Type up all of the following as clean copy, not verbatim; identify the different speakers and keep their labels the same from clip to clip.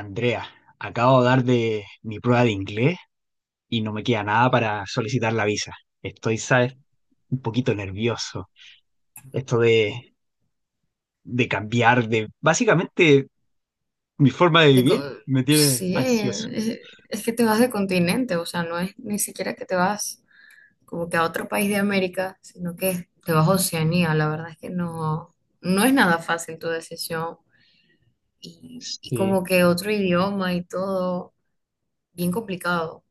Speaker 1: Andrea, acabo de dar de mi prueba de inglés y no me queda nada para solicitar la visa. Estoy, sabes, un poquito nervioso. Esto de cambiar de básicamente mi forma de
Speaker 2: De co-
Speaker 1: vivir me tiene
Speaker 2: sí,
Speaker 1: ansioso.
Speaker 2: es, es que te vas de continente, o sea, no es ni siquiera que te vas como que a otro país de América, sino que te vas a Oceanía. La verdad es que no es nada fácil tu decisión y
Speaker 1: Sí.
Speaker 2: como que otro idioma y todo, bien complicado.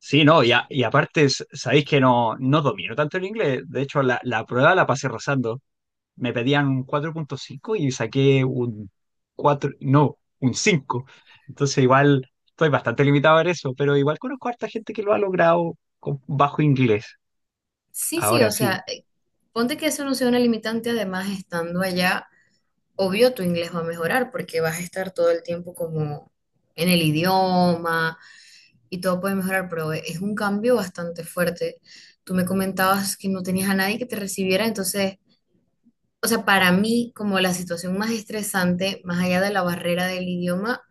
Speaker 1: Sí, no, y, y aparte sabéis que no, no domino tanto el inglés. De hecho, la prueba la pasé rozando. Me pedían un 4,5 y saqué un cuatro, no, un cinco. Entonces igual estoy bastante limitado en eso, pero igual conozco a harta gente que lo ha logrado con bajo inglés.
Speaker 2: Sí, sí,
Speaker 1: Ahora
Speaker 2: o
Speaker 1: sí,
Speaker 2: sea, ponte que eso no sea una limitante, además estando allá, obvio tu inglés va a mejorar porque vas a estar todo el tiempo como en el idioma y todo puede mejorar, pero es un cambio bastante fuerte. Tú me comentabas que no tenías a nadie que te recibiera, entonces, o sea, para mí como la situación más estresante, más allá de la barrera del idioma,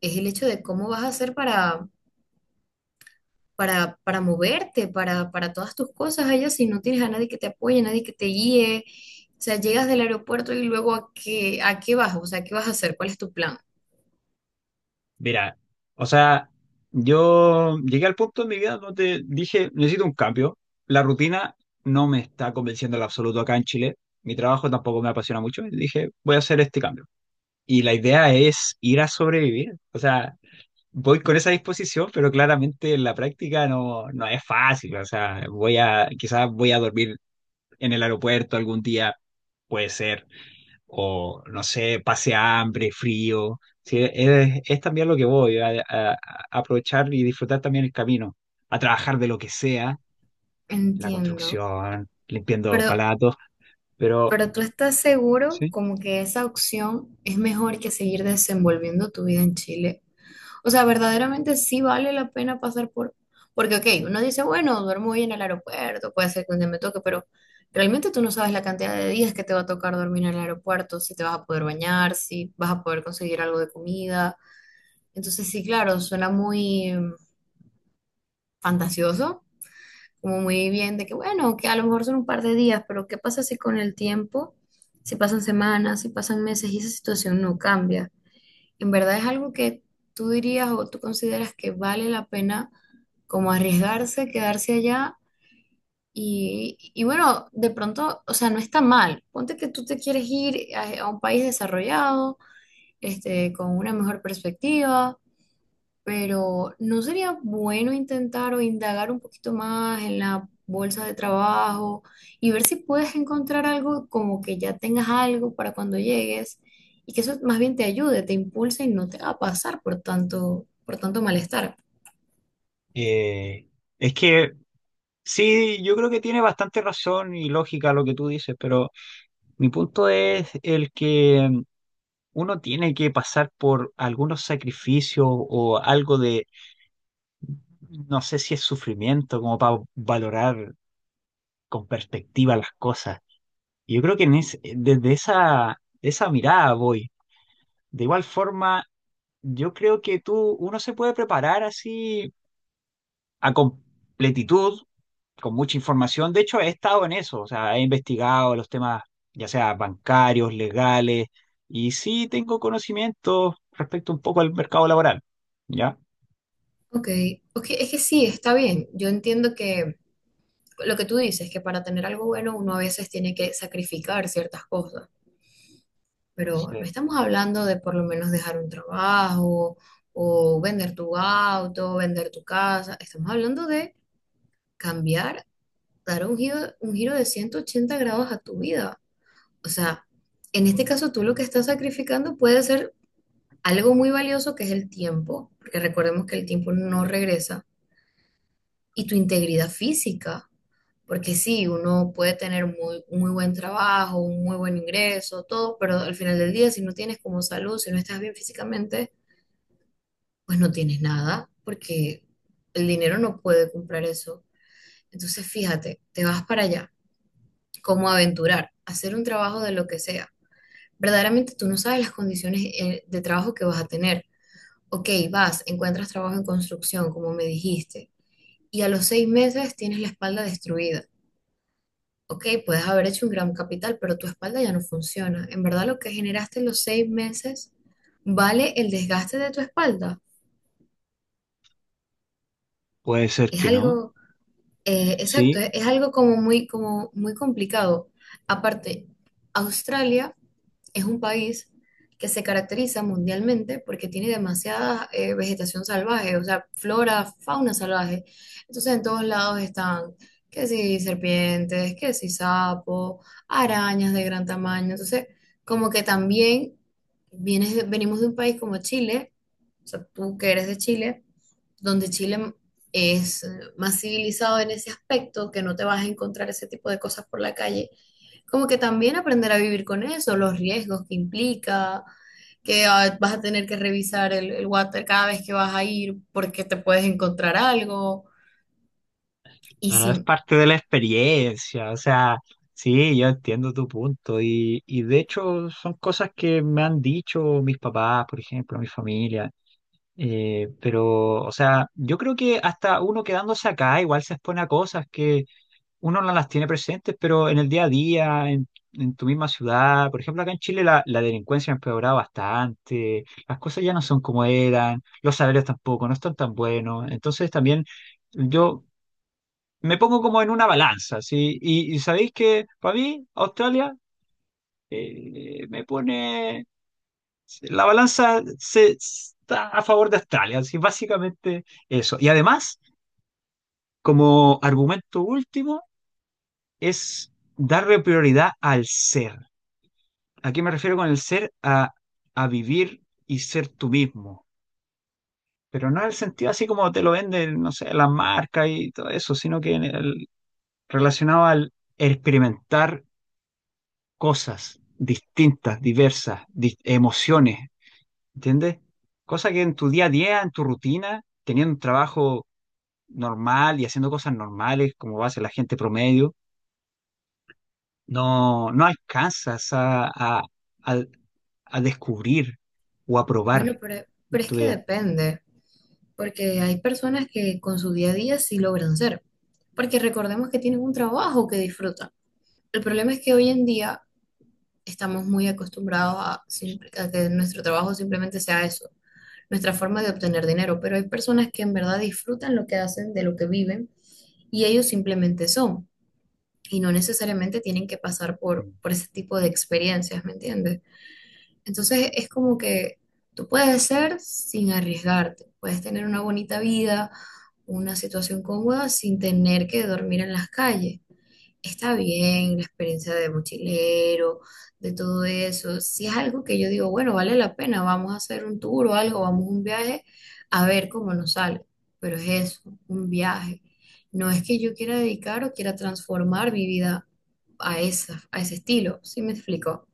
Speaker 2: es el hecho de cómo vas a hacer para, para moverte, para todas tus cosas allá, si no tienes a nadie que te apoye, nadie que te guíe. O sea, llegas del aeropuerto y luego a qué vas, o sea, ¿qué vas a hacer? ¿Cuál es tu plan?
Speaker 1: mira, o sea, yo llegué al punto en mi vida donde dije, necesito un cambio. La rutina no me está convenciendo en absoluto acá en Chile. Mi trabajo tampoco me apasiona mucho. Y dije, voy a hacer este cambio. Y la idea es ir a sobrevivir. O sea, voy con esa disposición, pero claramente en la práctica no, no es fácil. O sea, quizás voy a dormir en el aeropuerto algún día, puede ser, o no sé, pase hambre, frío. Sí, es también lo que voy a aprovechar y disfrutar también el camino, a trabajar de lo que sea, la
Speaker 2: Entiendo.
Speaker 1: construcción, limpiando
Speaker 2: Pero
Speaker 1: palatos, pero
Speaker 2: Pero tú estás seguro
Speaker 1: sí.
Speaker 2: como que esa opción es mejor que seguir desenvolviendo tu vida en Chile. O sea, verdaderamente sí vale la pena pasar por. Porque, ok, uno dice, bueno, duermo hoy en el aeropuerto, puede ser que un día me toque, pero realmente tú no sabes la cantidad de días que te va a tocar dormir en el aeropuerto, si te vas a poder bañar, si vas a poder conseguir algo de comida. Entonces, sí, claro, suena muy fantasioso, como muy bien de que, bueno, que a lo mejor son un par de días, pero ¿qué pasa si con el tiempo, si pasan semanas, si pasan meses y esa situación no cambia? ¿En verdad es algo que tú dirías o tú consideras que vale la pena como arriesgarse, quedarse allá? Y bueno, de pronto, o sea, no está mal. Ponte que tú te quieres ir a un país desarrollado, con una mejor perspectiva pero ¿no sería bueno intentar o indagar un poquito más en la bolsa de trabajo y ver si puedes encontrar algo como que ya tengas algo para cuando llegues y que eso más bien te ayude, te impulse y no te va a pasar por tanto malestar?
Speaker 1: eh, es que sí, yo creo que tiene bastante razón y lógica lo que tú dices, pero. Mi punto es el que, uno tiene que pasar por algunos sacrificios o algo de, no sé si es sufrimiento, como para valorar con perspectiva las cosas. Y yo creo que desde esa mirada voy. De igual forma, yo creo que tú, uno se puede preparar así a completitud con mucha información. De hecho, he estado en eso, o sea, he investigado los temas, ya sea bancarios, legales, y sí tengo conocimiento respecto un poco al mercado laboral, ¿ya?
Speaker 2: Ok, ok, es que sí, está bien. Yo entiendo que lo que tú dices, que para tener algo bueno uno a veces tiene que sacrificar ciertas cosas. Pero no
Speaker 1: Sí.
Speaker 2: estamos hablando de por lo menos dejar un trabajo o vender tu auto, vender tu casa, estamos hablando de cambiar, dar un giro de 180 grados a tu vida. O sea, en este caso tú lo que estás sacrificando puede ser algo muy valioso que es el tiempo, porque recordemos que el tiempo no regresa, y tu integridad física. Porque sí, uno puede tener un muy buen trabajo, un muy buen ingreso, todo, pero al final del día, si no tienes como salud, si no estás bien físicamente, pues no tienes nada, porque el dinero no puede comprar eso. Entonces, fíjate, te vas para allá, como a aventurar, a hacer un trabajo de lo que sea. Verdaderamente tú no sabes las condiciones de trabajo que vas a tener. Ok, vas, encuentras trabajo en construcción, como me dijiste, y a los 6 meses tienes la espalda destruida. Ok, puedes haber hecho un gran capital, pero tu espalda ya no funciona. En verdad, lo que generaste en los 6 meses vale el desgaste de tu espalda.
Speaker 1: Puede ser
Speaker 2: Es
Speaker 1: que no,
Speaker 2: algo Exacto,
Speaker 1: sí,
Speaker 2: es algo como muy complicado. Aparte, Australia es un país que se caracteriza mundialmente porque tiene demasiada vegetación salvaje, o sea, flora, fauna salvaje. Entonces, en todos lados están, que si serpientes, que si sapos, arañas de gran tamaño. Entonces, como que también venimos de un país como Chile, o sea, tú que eres de Chile donde Chile es más civilizado en ese aspecto, que no te vas a encontrar ese tipo de cosas por la calle, como que también aprender a vivir con eso, los riesgos que implica, que vas a tener que revisar el water cada vez que vas a ir porque te puedes encontrar algo. Y
Speaker 1: pero es
Speaker 2: si,
Speaker 1: parte de la experiencia, o sea, sí, yo entiendo tu punto, y de hecho son cosas que me han dicho mis papás, por ejemplo, mi familia. Pero, o sea, yo creo que hasta uno quedándose acá igual se expone a cosas que uno no las tiene presentes, pero en el día a día, en tu misma ciudad, por ejemplo, acá en Chile la delincuencia ha empeorado bastante, las cosas ya no son como eran, los salarios tampoco, no están tan buenos, entonces también yo me pongo como en una balanza, ¿sí? Y sabéis que para mí Australia, me pone, la balanza se, está a favor de Australia, así básicamente eso. Y además, como argumento último, es darle prioridad al ser. ¿A qué me refiero con el ser? A vivir y ser tú mismo. Pero no en el sentido así como te lo venden, no sé, las marcas y todo eso, sino que relacionado al experimentar cosas distintas, diversas, emociones, ¿entiendes? Cosa que en tu día a día, en tu rutina, teniendo un trabajo normal y haciendo cosas normales, como hace la gente promedio, no, no alcanzas a- a descubrir o a probar
Speaker 2: Bueno, pero,
Speaker 1: en
Speaker 2: pero es
Speaker 1: tu
Speaker 2: que
Speaker 1: día.
Speaker 2: depende, porque hay personas que con su día a día sí logran ser, porque recordemos que tienen un trabajo que disfrutan. El problema es que hoy en día estamos muy acostumbrados a que nuestro trabajo simplemente sea eso, nuestra forma de obtener dinero, pero hay personas que en verdad disfrutan lo que hacen, de lo que viven, y ellos simplemente son, y no necesariamente tienen que pasar por ese tipo de experiencias, ¿me entiendes? Entonces es como que tú puedes ser sin arriesgarte, puedes tener una bonita vida, una situación cómoda sin tener que dormir en las calles. Está bien la experiencia de mochilero, de todo eso. Si es algo que yo digo, bueno, vale la pena, vamos a hacer un tour o algo, vamos a un viaje, a ver cómo nos sale. Pero es eso, un viaje. No es que yo quiera dedicar o quiera transformar mi vida a esa, a ese estilo, ¿sí me explico?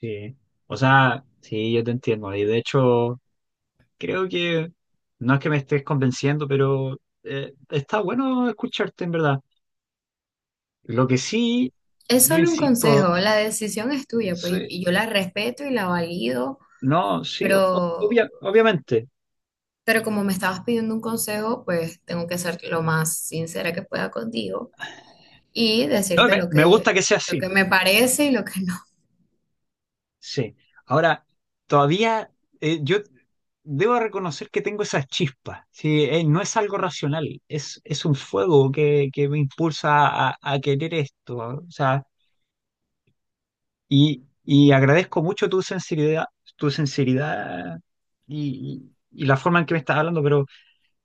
Speaker 1: Sí, o sea, sí, yo te entiendo. Y de hecho, creo que no es que me estés convenciendo, pero está bueno escucharte en verdad. Lo que sí,
Speaker 2: Es
Speaker 1: yo
Speaker 2: solo un
Speaker 1: insisto,
Speaker 2: consejo, la decisión es tuya, pues
Speaker 1: sí,
Speaker 2: y yo la respeto y la valido,
Speaker 1: no, sí,
Speaker 2: pero,
Speaker 1: obviamente.
Speaker 2: pero como me estabas pidiendo un consejo, pues tengo que ser lo más sincera que pueda contigo, y
Speaker 1: No,
Speaker 2: decirte
Speaker 1: me,
Speaker 2: lo
Speaker 1: me gusta
Speaker 2: que,
Speaker 1: que sea
Speaker 2: lo
Speaker 1: así,
Speaker 2: que me parece y lo que no.
Speaker 1: sí. Ahora, todavía, yo debo reconocer que tengo esas chispas. Sí, no es algo racional, es un fuego que me impulsa a querer esto. O sea. Y agradezco mucho tu sinceridad y, y- y la forma en que me estás hablando, pero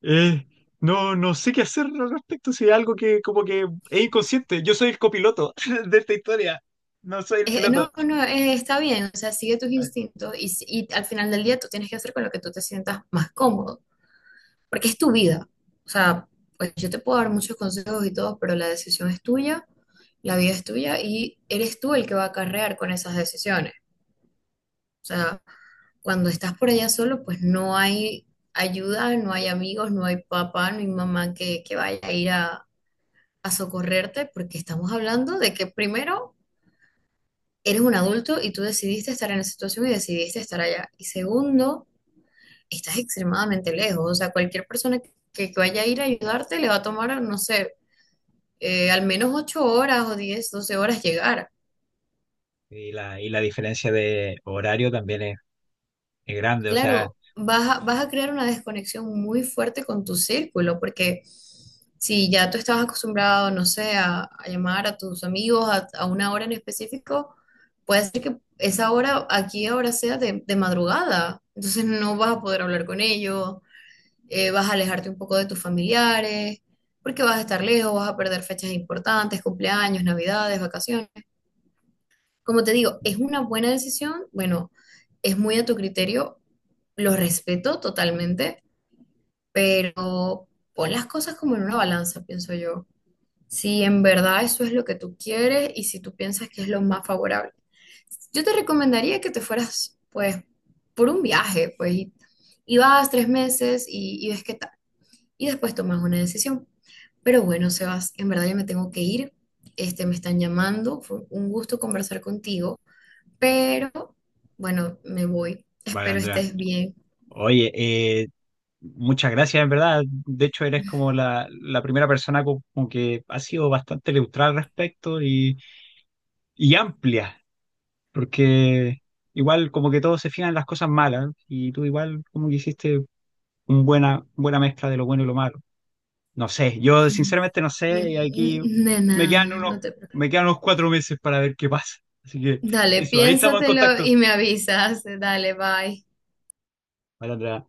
Speaker 1: eh, no, no sé qué hacer al respecto. Si es algo que como que es inconsciente. Yo soy el copiloto de esta historia. No soy el piloto.
Speaker 2: No, no, está bien, o sea, sigue tus instintos y, si- y al final del día tú tienes que hacer con lo que tú te sientas más cómodo, porque es tu vida. O sea, pues yo te puedo dar muchos consejos y todo, pero la decisión es tuya, la vida es tuya y eres tú el que va a acarrear con esas decisiones. O sea, cuando estás por allá solo, pues no hay ayuda, no hay amigos, no hay papá, no hay mamá que vaya a ir a socorrerte, porque estamos hablando de que primero eres un adulto y tú decidiste estar en esa situación y decidiste estar allá. Y segundo, estás extremadamente lejos. O sea, cualquier persona que vaya a ir a ayudarte le va a tomar, no sé, al menos 8 horas o 10 12 horas llegar.
Speaker 1: Y la diferencia de horario también es grande. O sea,
Speaker 2: Claro, vas a crear una desconexión muy fuerte con tu círculo, porque si ya tú estabas acostumbrado, no sé, a llamar a tus amigos a una hora en específico, puede ser que esa hora aquí ahora sea de madrugada, entonces no vas a poder hablar con ellos, vas a alejarte un poco de tus familiares, porque vas a estar lejos, vas a perder fechas importantes, cumpleaños, navidades, vacaciones. Como te digo, es una buena decisión, bueno, es muy a tu criterio, lo respeto totalmente, pero pon las cosas como en una balanza, pienso yo. Si en verdad eso es lo que tú quieres y si tú piensas que es lo más favorable. Yo te recomendaría que te fueras, pues, por un viaje, pues, y vas 3 meses y ves qué tal. Y después tomas una decisión. Pero bueno, Sebas, en verdad yo me tengo que ir. Me están llamando. Fue un gusto conversar contigo. Pero bueno, me voy.
Speaker 1: vale,
Speaker 2: Espero
Speaker 1: Andrea.
Speaker 2: estés bien.
Speaker 1: Oye, muchas gracias, en verdad. De hecho, eres como la primera persona como que ha sido bastante neutral al respecto y amplia. Porque igual como que todos se fijan en las cosas malas y tú igual como que hiciste una buena, buena mezcla de lo bueno y lo malo. No sé, yo sinceramente no sé, y aquí
Speaker 2: Nena,
Speaker 1: me quedan unos,
Speaker 2: no te preocupes.
Speaker 1: me quedan unos 4 meses para ver qué pasa. Así que
Speaker 2: Dale,
Speaker 1: eso, ahí estamos en
Speaker 2: piénsatelo
Speaker 1: contacto.
Speaker 2: y me avisas. Dale, bye.
Speaker 1: Vale, Andrea.